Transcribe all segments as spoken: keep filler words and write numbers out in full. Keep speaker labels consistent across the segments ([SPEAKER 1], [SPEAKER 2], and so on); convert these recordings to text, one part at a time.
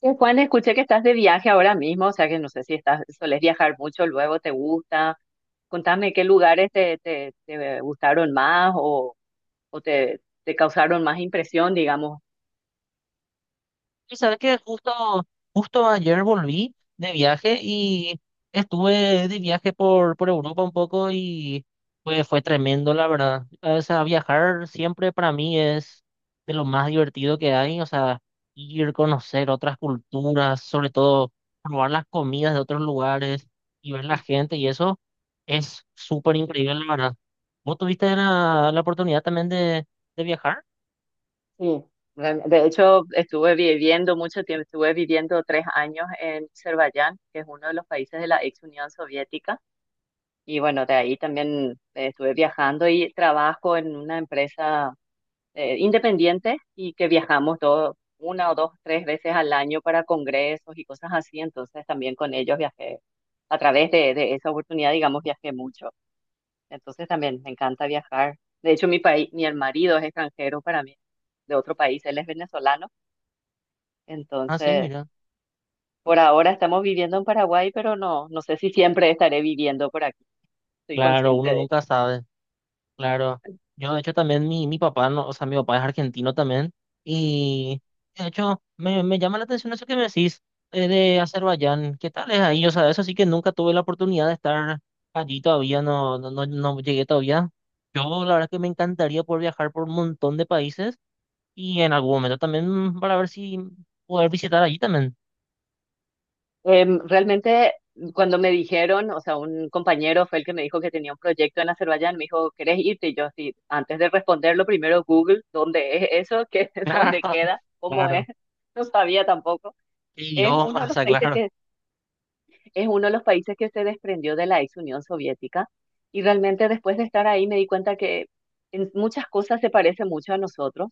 [SPEAKER 1] Eh, Juan, escuché que estás de viaje ahora mismo, o sea que no sé si estás, solés viajar mucho, luego te gusta. Contame qué lugares te, te, te gustaron más o, o te, te causaron más impresión, digamos.
[SPEAKER 2] Y sabes que justo, justo ayer volví de viaje y estuve de viaje por, por Europa un poco y pues fue tremendo, la verdad. O sea, viajar siempre para mí es de lo más divertido que hay. O sea, ir, conocer otras culturas, sobre todo probar las comidas de otros lugares y ver la gente y eso es súper increíble, la verdad. ¿Vos tuviste la, la oportunidad también de, de viajar?
[SPEAKER 1] Sí. Re- De hecho, estuve viviendo mucho tiempo, estuve viviendo tres años en Azerbaiyán, que es uno de los países de la ex Unión Soviética. Y bueno, de ahí también eh, estuve viajando y trabajo en una empresa eh, independiente y que viajamos todo, una o dos, tres veces al año para congresos y cosas así. Entonces también con ellos viajé, a través de, de esa oportunidad, digamos, viajé mucho. Entonces también me encanta viajar. De hecho, mi país, mi marido es extranjero para mí, de otro país, él es venezolano.
[SPEAKER 2] Ah, sí,
[SPEAKER 1] Entonces,
[SPEAKER 2] mira.
[SPEAKER 1] por ahora estamos viviendo en Paraguay, pero no, no sé si siempre estaré viviendo por aquí. Estoy
[SPEAKER 2] Claro,
[SPEAKER 1] consciente
[SPEAKER 2] uno
[SPEAKER 1] de
[SPEAKER 2] nunca sabe. Claro, yo de hecho también mi, mi papá, no, o sea, mi papá es argentino también y de hecho me, me llama la atención eso que me decís eh, de Azerbaiyán, ¿qué tal es ahí? O sea, eso sí que nunca tuve la oportunidad de estar allí todavía, no, no, no, no llegué todavía. Yo la verdad que me encantaría poder viajar por un montón de países y en algún momento también para ver si poder visitar allí también.
[SPEAKER 1] Em, realmente, cuando me dijeron, o sea, un compañero fue el que me dijo que tenía un proyecto en Azerbaiyán, me dijo, ¿querés irte? Y yo, sí, antes de responderlo, primero Google, ¿dónde es eso? ¿Qué, dónde
[SPEAKER 2] Claro,
[SPEAKER 1] queda? ¿Cómo es?
[SPEAKER 2] claro,
[SPEAKER 1] No sabía tampoco.
[SPEAKER 2] qué
[SPEAKER 1] Es uno
[SPEAKER 2] idioma,
[SPEAKER 1] de
[SPEAKER 2] o
[SPEAKER 1] los
[SPEAKER 2] sea,
[SPEAKER 1] países
[SPEAKER 2] claro,
[SPEAKER 1] que, es uno de los países que se desprendió de la ex Unión Soviética. Y realmente después de estar ahí me di cuenta que en muchas cosas se parece mucho a nosotros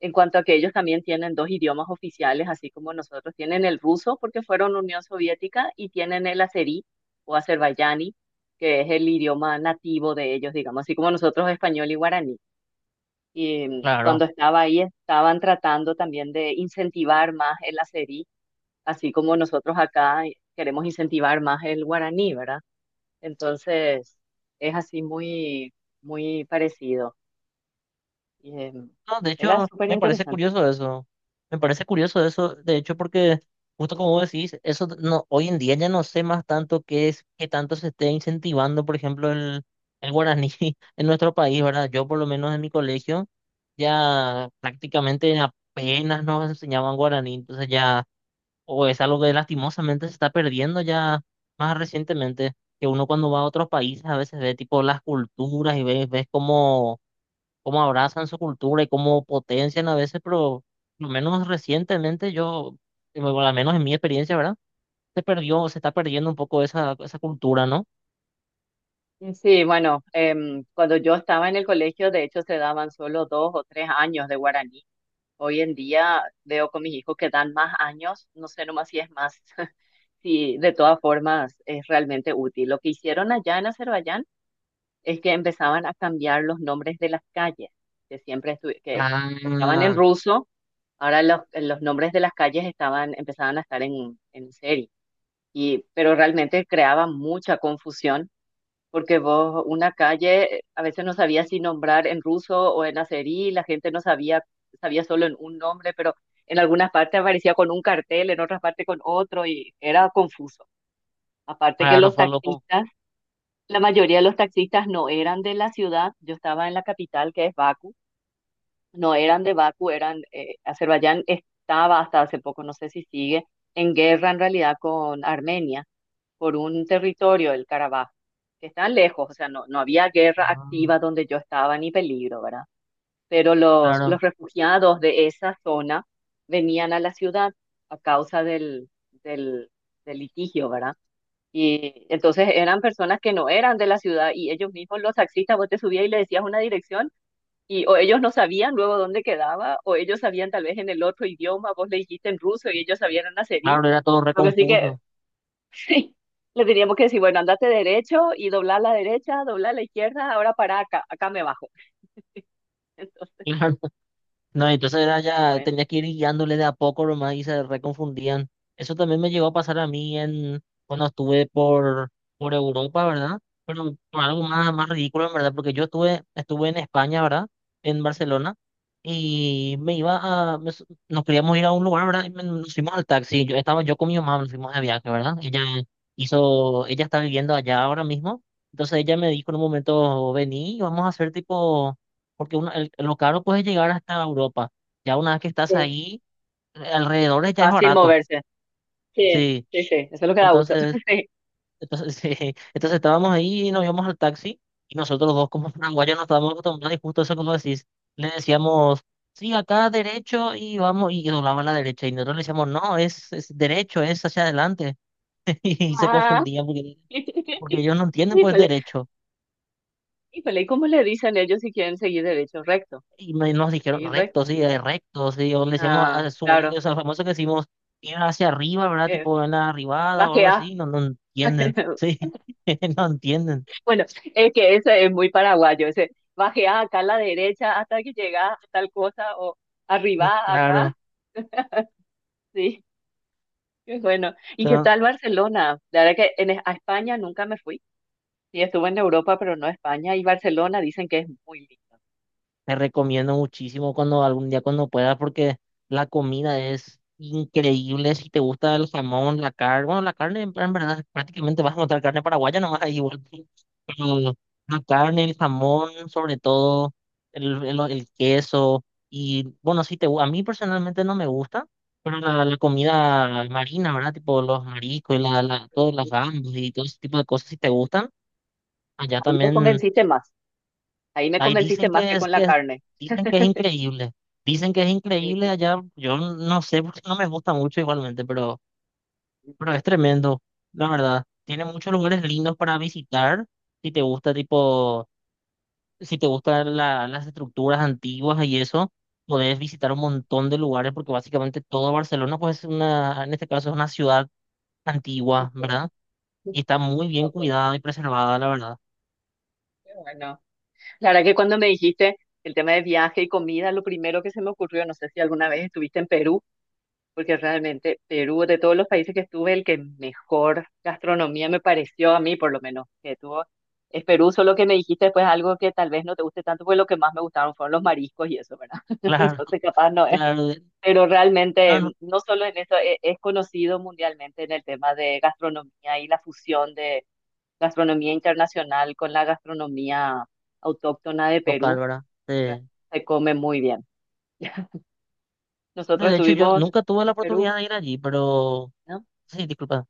[SPEAKER 1] en cuanto a que ellos también tienen dos idiomas oficiales, así como nosotros. Tienen el ruso, porque fueron Unión Soviética, y tienen el azerí o azerbaiyani, que es el idioma nativo de ellos, digamos, así como nosotros español y guaraní. Y mm, cuando
[SPEAKER 2] claro.
[SPEAKER 1] estaba ahí, estaban tratando también de incentivar más el azerí, así como nosotros acá queremos incentivar más el guaraní, ¿verdad? Entonces, es así muy, muy parecido. Y, em,
[SPEAKER 2] No, de
[SPEAKER 1] era
[SPEAKER 2] hecho,
[SPEAKER 1] súper
[SPEAKER 2] me parece
[SPEAKER 1] interesante.
[SPEAKER 2] curioso eso. Me parece curioso eso, de hecho, porque justo como vos decís, eso no, hoy en día ya no sé más tanto qué es, qué tanto se esté incentivando, por ejemplo, el, el guaraní en nuestro país, ¿verdad? Yo por lo menos en mi colegio ya prácticamente apenas nos enseñaban guaraní, entonces ya, o es algo que lastimosamente se está perdiendo ya más recientemente, que uno cuando va a otros países a veces ve tipo las culturas y ves, ves cómo cómo abrazan su cultura y cómo potencian a veces, pero lo menos recientemente yo, bueno, al menos en mi experiencia, ¿verdad? Se perdió, se está perdiendo un poco esa, esa cultura, ¿no?
[SPEAKER 1] Sí, bueno, em, cuando yo estaba en el colegio, de hecho, se daban solo dos o tres años de guaraní. Hoy en día veo con mis hijos que dan más años, no sé nomás si es más, sí, de todas formas es realmente útil. Lo que hicieron allá en Azerbaiyán es que empezaban a cambiar los nombres de las calles, que siempre estu- que estaban en
[SPEAKER 2] Ah,
[SPEAKER 1] ruso, ahora los, los nombres de las calles estaban, empezaban a estar en, en serie. Y, pero realmente creaba mucha confusión porque vos, una calle, a veces no sabía si nombrar en ruso o en azerí, la gente no sabía, sabía solo en un nombre, pero en algunas partes aparecía con un cartel, en otras partes con otro, y era confuso. Aparte que
[SPEAKER 2] claro,
[SPEAKER 1] los
[SPEAKER 2] fue loco.
[SPEAKER 1] taxistas, la mayoría de los taxistas no eran de la ciudad, yo estaba en la capital, que es Bakú, no eran de Bakú, eran, eh, Azerbaiyán estaba hasta hace poco, no sé si sigue, en guerra en realidad con Armenia por un territorio, el Carabaj, que están lejos, o sea, no, no había guerra
[SPEAKER 2] Ah,
[SPEAKER 1] activa donde yo estaba ni peligro, ¿verdad? Pero los,
[SPEAKER 2] claro,
[SPEAKER 1] los refugiados de esa zona venían a la ciudad a causa del, del, del litigio, ¿verdad? Y entonces eran personas que no eran de la ciudad y ellos mismos, los taxistas, vos te subías y le decías una dirección y o ellos no sabían luego dónde quedaba o ellos sabían tal vez en el otro idioma, vos le dijiste en ruso y ellos sabían en azerí.
[SPEAKER 2] claro, era todo
[SPEAKER 1] Lo que sí que
[SPEAKER 2] recompuso.
[SPEAKER 1] Sí, le teníamos que decir, bueno, andate derecho y dobla a la derecha, dobla a la izquierda, ahora para acá, acá me bajo. Entonces,
[SPEAKER 2] No, entonces era
[SPEAKER 1] ya,
[SPEAKER 2] ya,
[SPEAKER 1] bueno,
[SPEAKER 2] tenía que ir guiándole de a poco nomás y se reconfundían. Eso también me llegó a pasar a mí en, cuando estuve por, por Europa, ¿verdad? Pero por algo más, más ridículo, en verdad, porque yo estuve, estuve en España, ¿verdad? En Barcelona y me iba a, me s- nos queríamos ir a un lugar, ¿verdad? Y me- nos fuimos al taxi, yo estaba yo con mi mamá, nos fuimos de viaje, ¿verdad? Ella hizo, ella está viviendo allá ahora mismo, entonces ella me dijo en un momento, vení, vamos a hacer tipo, porque uno- el- lo caro puede llegar hasta Europa, ya una vez que estás
[SPEAKER 1] sí,
[SPEAKER 2] ahí, alrededor
[SPEAKER 1] es
[SPEAKER 2] ya es
[SPEAKER 1] fácil
[SPEAKER 2] barato,
[SPEAKER 1] moverse. Sí,
[SPEAKER 2] sí,
[SPEAKER 1] sí, sí, eso es lo que da gusto.
[SPEAKER 2] entonces
[SPEAKER 1] Sí.
[SPEAKER 2] entonces, sí, entonces estábamos ahí y nos íbamos al taxi y nosotros dos como paraguayos nos estábamos acostumbrados y justo eso como decís, le decíamos, sí, acá derecho y vamos y doblaba a la derecha y nosotros le decíamos, no, es, es derecho, es hacia adelante y se
[SPEAKER 1] Ah,
[SPEAKER 2] confundían porque, porque ellos no entienden pues
[SPEAKER 1] híjole,
[SPEAKER 2] derecho
[SPEAKER 1] híjole, ¿y cómo le dicen ellos si quieren seguir derecho? Recto,
[SPEAKER 2] y me- nos dijeron
[SPEAKER 1] seguir
[SPEAKER 2] recto,
[SPEAKER 1] recto.
[SPEAKER 2] sí, eh, recto, sí, o le decíamos
[SPEAKER 1] Ah,
[SPEAKER 2] a
[SPEAKER 1] claro,
[SPEAKER 2] subir, o sea, famoso que decimos ir hacia arriba, ¿verdad?
[SPEAKER 1] eh,
[SPEAKER 2] Tipo en la arribada o algo
[SPEAKER 1] bajea.
[SPEAKER 2] así, no, no entienden, sí, no entienden,
[SPEAKER 1] Bueno, es que ese es muy paraguayo, ese bajea acá a la derecha hasta que llega a tal cosa o arriba acá,
[SPEAKER 2] claro.
[SPEAKER 1] sí. Qué bueno. ¿Y qué tal Barcelona? La verdad que en, a España nunca me fui. Sí, estuve en Europa, pero no a España. Y Barcelona dicen que es muy lindo.
[SPEAKER 2] Te recomiendo muchísimo cuando algún día cuando puedas porque la comida es increíble. Si te gusta el jamón, la carne, bueno, la carne en en verdad prácticamente vas a encontrar carne paraguaya nomás ahí igual. Pero la carne, el jamón, sobre todo el, el- el queso y bueno, sí te gu- a mí personalmente no me gusta, pero la, la comida marina, ¿verdad? Tipo los mariscos y la, la, todas las gambas y todo ese tipo de cosas si te gustan, allá
[SPEAKER 1] Ahí me
[SPEAKER 2] también.
[SPEAKER 1] convenciste más. Ahí me
[SPEAKER 2] Ahí
[SPEAKER 1] convenciste
[SPEAKER 2] dicen
[SPEAKER 1] más
[SPEAKER 2] que
[SPEAKER 1] que
[SPEAKER 2] es
[SPEAKER 1] con la
[SPEAKER 2] que
[SPEAKER 1] carne.
[SPEAKER 2] dicen que es increíble. Dicen que es
[SPEAKER 1] Eh,
[SPEAKER 2] increíble
[SPEAKER 1] que-
[SPEAKER 2] allá. Yo no sé porque no me gusta mucho igualmente, pero, pero es tremendo, la verdad. Tiene muchos lugares lindos para visitar. Si te gusta, tipo, si te gustan la- las estructuras antiguas y eso, podés visitar un montón de lugares porque básicamente todo Barcelona, pues es una, en este caso es una ciudad antigua, ¿verdad? Y está muy bien
[SPEAKER 1] Ok,
[SPEAKER 2] cuidada y preservada, la verdad.
[SPEAKER 1] qué bueno. La verdad que cuando me dijiste el tema de viaje y comida, lo primero que se me ocurrió, no sé si alguna vez estuviste en Perú, porque realmente Perú, de todos los países que estuve, el que mejor gastronomía me pareció a mí, por lo menos, que tuvo, es Perú, solo que me dijiste después algo que tal vez no te guste tanto, porque lo que más me gustaron fueron los mariscos y eso, ¿verdad?
[SPEAKER 2] Claro,
[SPEAKER 1] Entonces, capaz no es,
[SPEAKER 2] claro, de-
[SPEAKER 1] pero
[SPEAKER 2] no,
[SPEAKER 1] realmente, mm,
[SPEAKER 2] no,
[SPEAKER 1] no solo en eso, e- es, conocido mundialmente en el tema de gastronomía y la fusión de gastronomía internacional con la gastronomía autóctona de
[SPEAKER 2] local,
[SPEAKER 1] Perú,
[SPEAKER 2] ¿verdad?
[SPEAKER 1] y re-
[SPEAKER 2] Sí.
[SPEAKER 1] se come muy bien.
[SPEAKER 2] No,
[SPEAKER 1] Nosotros
[SPEAKER 2] de hecho, yo
[SPEAKER 1] estuvimos
[SPEAKER 2] nunca tuve la
[SPEAKER 1] en Perú,
[SPEAKER 2] oportunidad de ir allí, pero
[SPEAKER 1] ¿no?
[SPEAKER 2] sí, disculpa,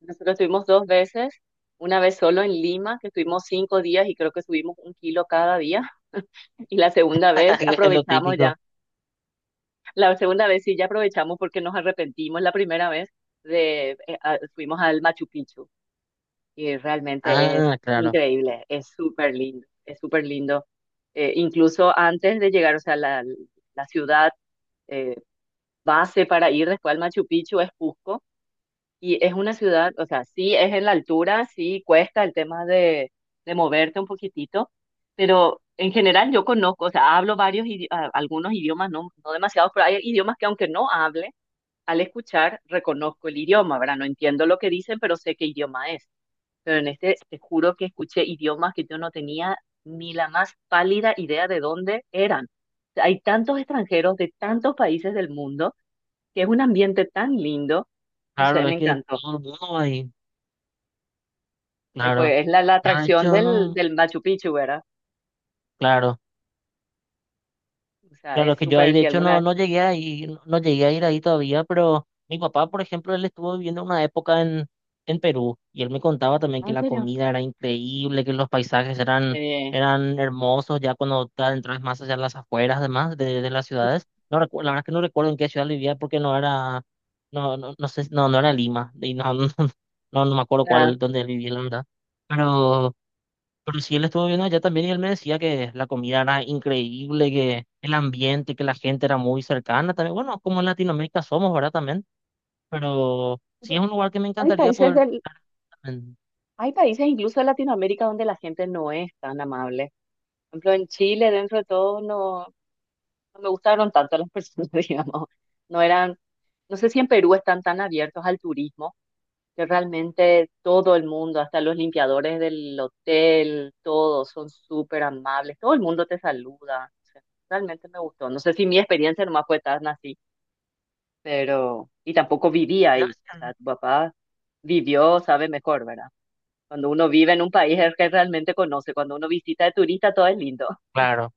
[SPEAKER 1] Nosotros estuvimos dos veces, una vez solo en Lima, que estuvimos cinco días y creo que subimos un kilo cada día. Y la segunda vez
[SPEAKER 2] es lo
[SPEAKER 1] aprovechamos ya,
[SPEAKER 2] típico.
[SPEAKER 1] la segunda vez sí ya aprovechamos porque nos arrepentimos la primera vez de, eh, a- fuimos al Machu Picchu y realmente es
[SPEAKER 2] Ah, claro,
[SPEAKER 1] increíble, es súper lindo, es súper lindo. Eh, incluso antes de llegar, o sea, la, la ciudad eh, base para ir después al Machu Picchu es Cusco. Y es una ciudad, o sea, sí es en la altura, sí cuesta el tema de, de moverte un poquitito, pero en general yo conozco, o sea, hablo varios, idi- a- algunos idiomas, no, no demasiados, pero hay idiomas que aunque no hable, al escuchar reconozco el idioma, ¿verdad? No entiendo lo que dicen, pero sé qué idioma es. Pero en este te juro que escuché idiomas que yo no tenía ni la más pálida idea de dónde eran. O sea, hay tantos extranjeros de tantos países del mundo, que es un ambiente tan lindo, no sé,
[SPEAKER 2] claro,
[SPEAKER 1] me
[SPEAKER 2] es que
[SPEAKER 1] encantó.
[SPEAKER 2] todo el mundo va ahí,
[SPEAKER 1] Eh,
[SPEAKER 2] claro.
[SPEAKER 1] pues es la, la
[SPEAKER 2] Ya, de
[SPEAKER 1] atracción
[SPEAKER 2] hecho,
[SPEAKER 1] del,
[SPEAKER 2] no,
[SPEAKER 1] del Machu Picchu, ¿verdad?
[SPEAKER 2] claro,
[SPEAKER 1] O sea,
[SPEAKER 2] claro, es
[SPEAKER 1] es
[SPEAKER 2] que yo ahí,
[SPEAKER 1] súper,
[SPEAKER 2] de
[SPEAKER 1] si
[SPEAKER 2] hecho,
[SPEAKER 1] alguna
[SPEAKER 2] no,
[SPEAKER 1] vez.
[SPEAKER 2] no llegué a ir, no no llegué a ir ahí todavía, pero mi papá, por ejemplo, él estuvo viviendo una época en, en Perú y él me contaba también
[SPEAKER 1] Ah,
[SPEAKER 2] que
[SPEAKER 1] ¿en
[SPEAKER 2] la
[SPEAKER 1] serio?
[SPEAKER 2] comida era increíble, que los paisajes eran,
[SPEAKER 1] eh,
[SPEAKER 2] eran hermosos, ya cuando te adentras más allá en las afueras, además, de, de las
[SPEAKER 1] o
[SPEAKER 2] ciudades. No recu- la verdad es que no recuerdo en qué ciudad vivía porque no era. No, no, no sé, no, no era Lima, y no, no, no, no me acuerdo
[SPEAKER 1] sea,
[SPEAKER 2] cuál, dónde él vivía, la verdad. Pero, pero sí, él estuvo viendo allá también y él me decía que la comida era increíble, que el ambiente, que la gente era muy cercana también. Bueno, como en Latinoamérica somos, ¿verdad? También. Pero sí es
[SPEAKER 1] Pero-
[SPEAKER 2] un lugar que me
[SPEAKER 1] hay
[SPEAKER 2] encantaría
[SPEAKER 1] países
[SPEAKER 2] poder ver
[SPEAKER 1] del,
[SPEAKER 2] también.
[SPEAKER 1] hay países incluso de Latinoamérica donde la gente no es tan amable. Por ejemplo, en Chile, dentro de todo, no, no me gustaron tanto las personas, digamos. No eran, no sé si en Perú están tan abiertos al turismo, que realmente todo el mundo, hasta los limpiadores del hotel, todos son súper amables, todo el mundo te saluda. O sea, realmente me gustó. No sé si mi experiencia nomás fue tan así, pero, y tampoco viví ahí. O
[SPEAKER 2] Gracias.
[SPEAKER 1] sea, tu papá vivió, sabe mejor, ¿verdad? Cuando uno vive en un país es que realmente conoce. Cuando uno visita de turista, todo es lindo.
[SPEAKER 2] Claro.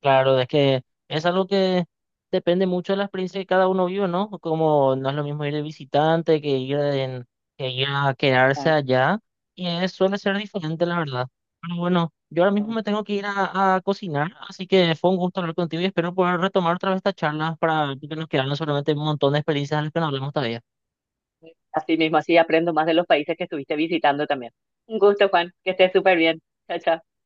[SPEAKER 2] Claro, es que es algo que depende mucho de la experiencia que cada uno vive, ¿no? Como no es lo mismo ir de visitante que ir, en- que ir a quedarse
[SPEAKER 1] Ah,
[SPEAKER 2] allá, y es- suele ser diferente, la verdad. Pero bueno, yo ahora mismo
[SPEAKER 1] ah.
[SPEAKER 2] me tengo que ir a, a cocinar, así que fue un gusto hablar contigo y espero poder retomar otra vez esta charla para que nos quedaron solamente un montón de experiencias de las que no hablamos todavía.
[SPEAKER 1] Así mismo, así aprendo más de los países que estuviste visitando también. Un gusto, Juan, que estés súper bien. Chao, chao.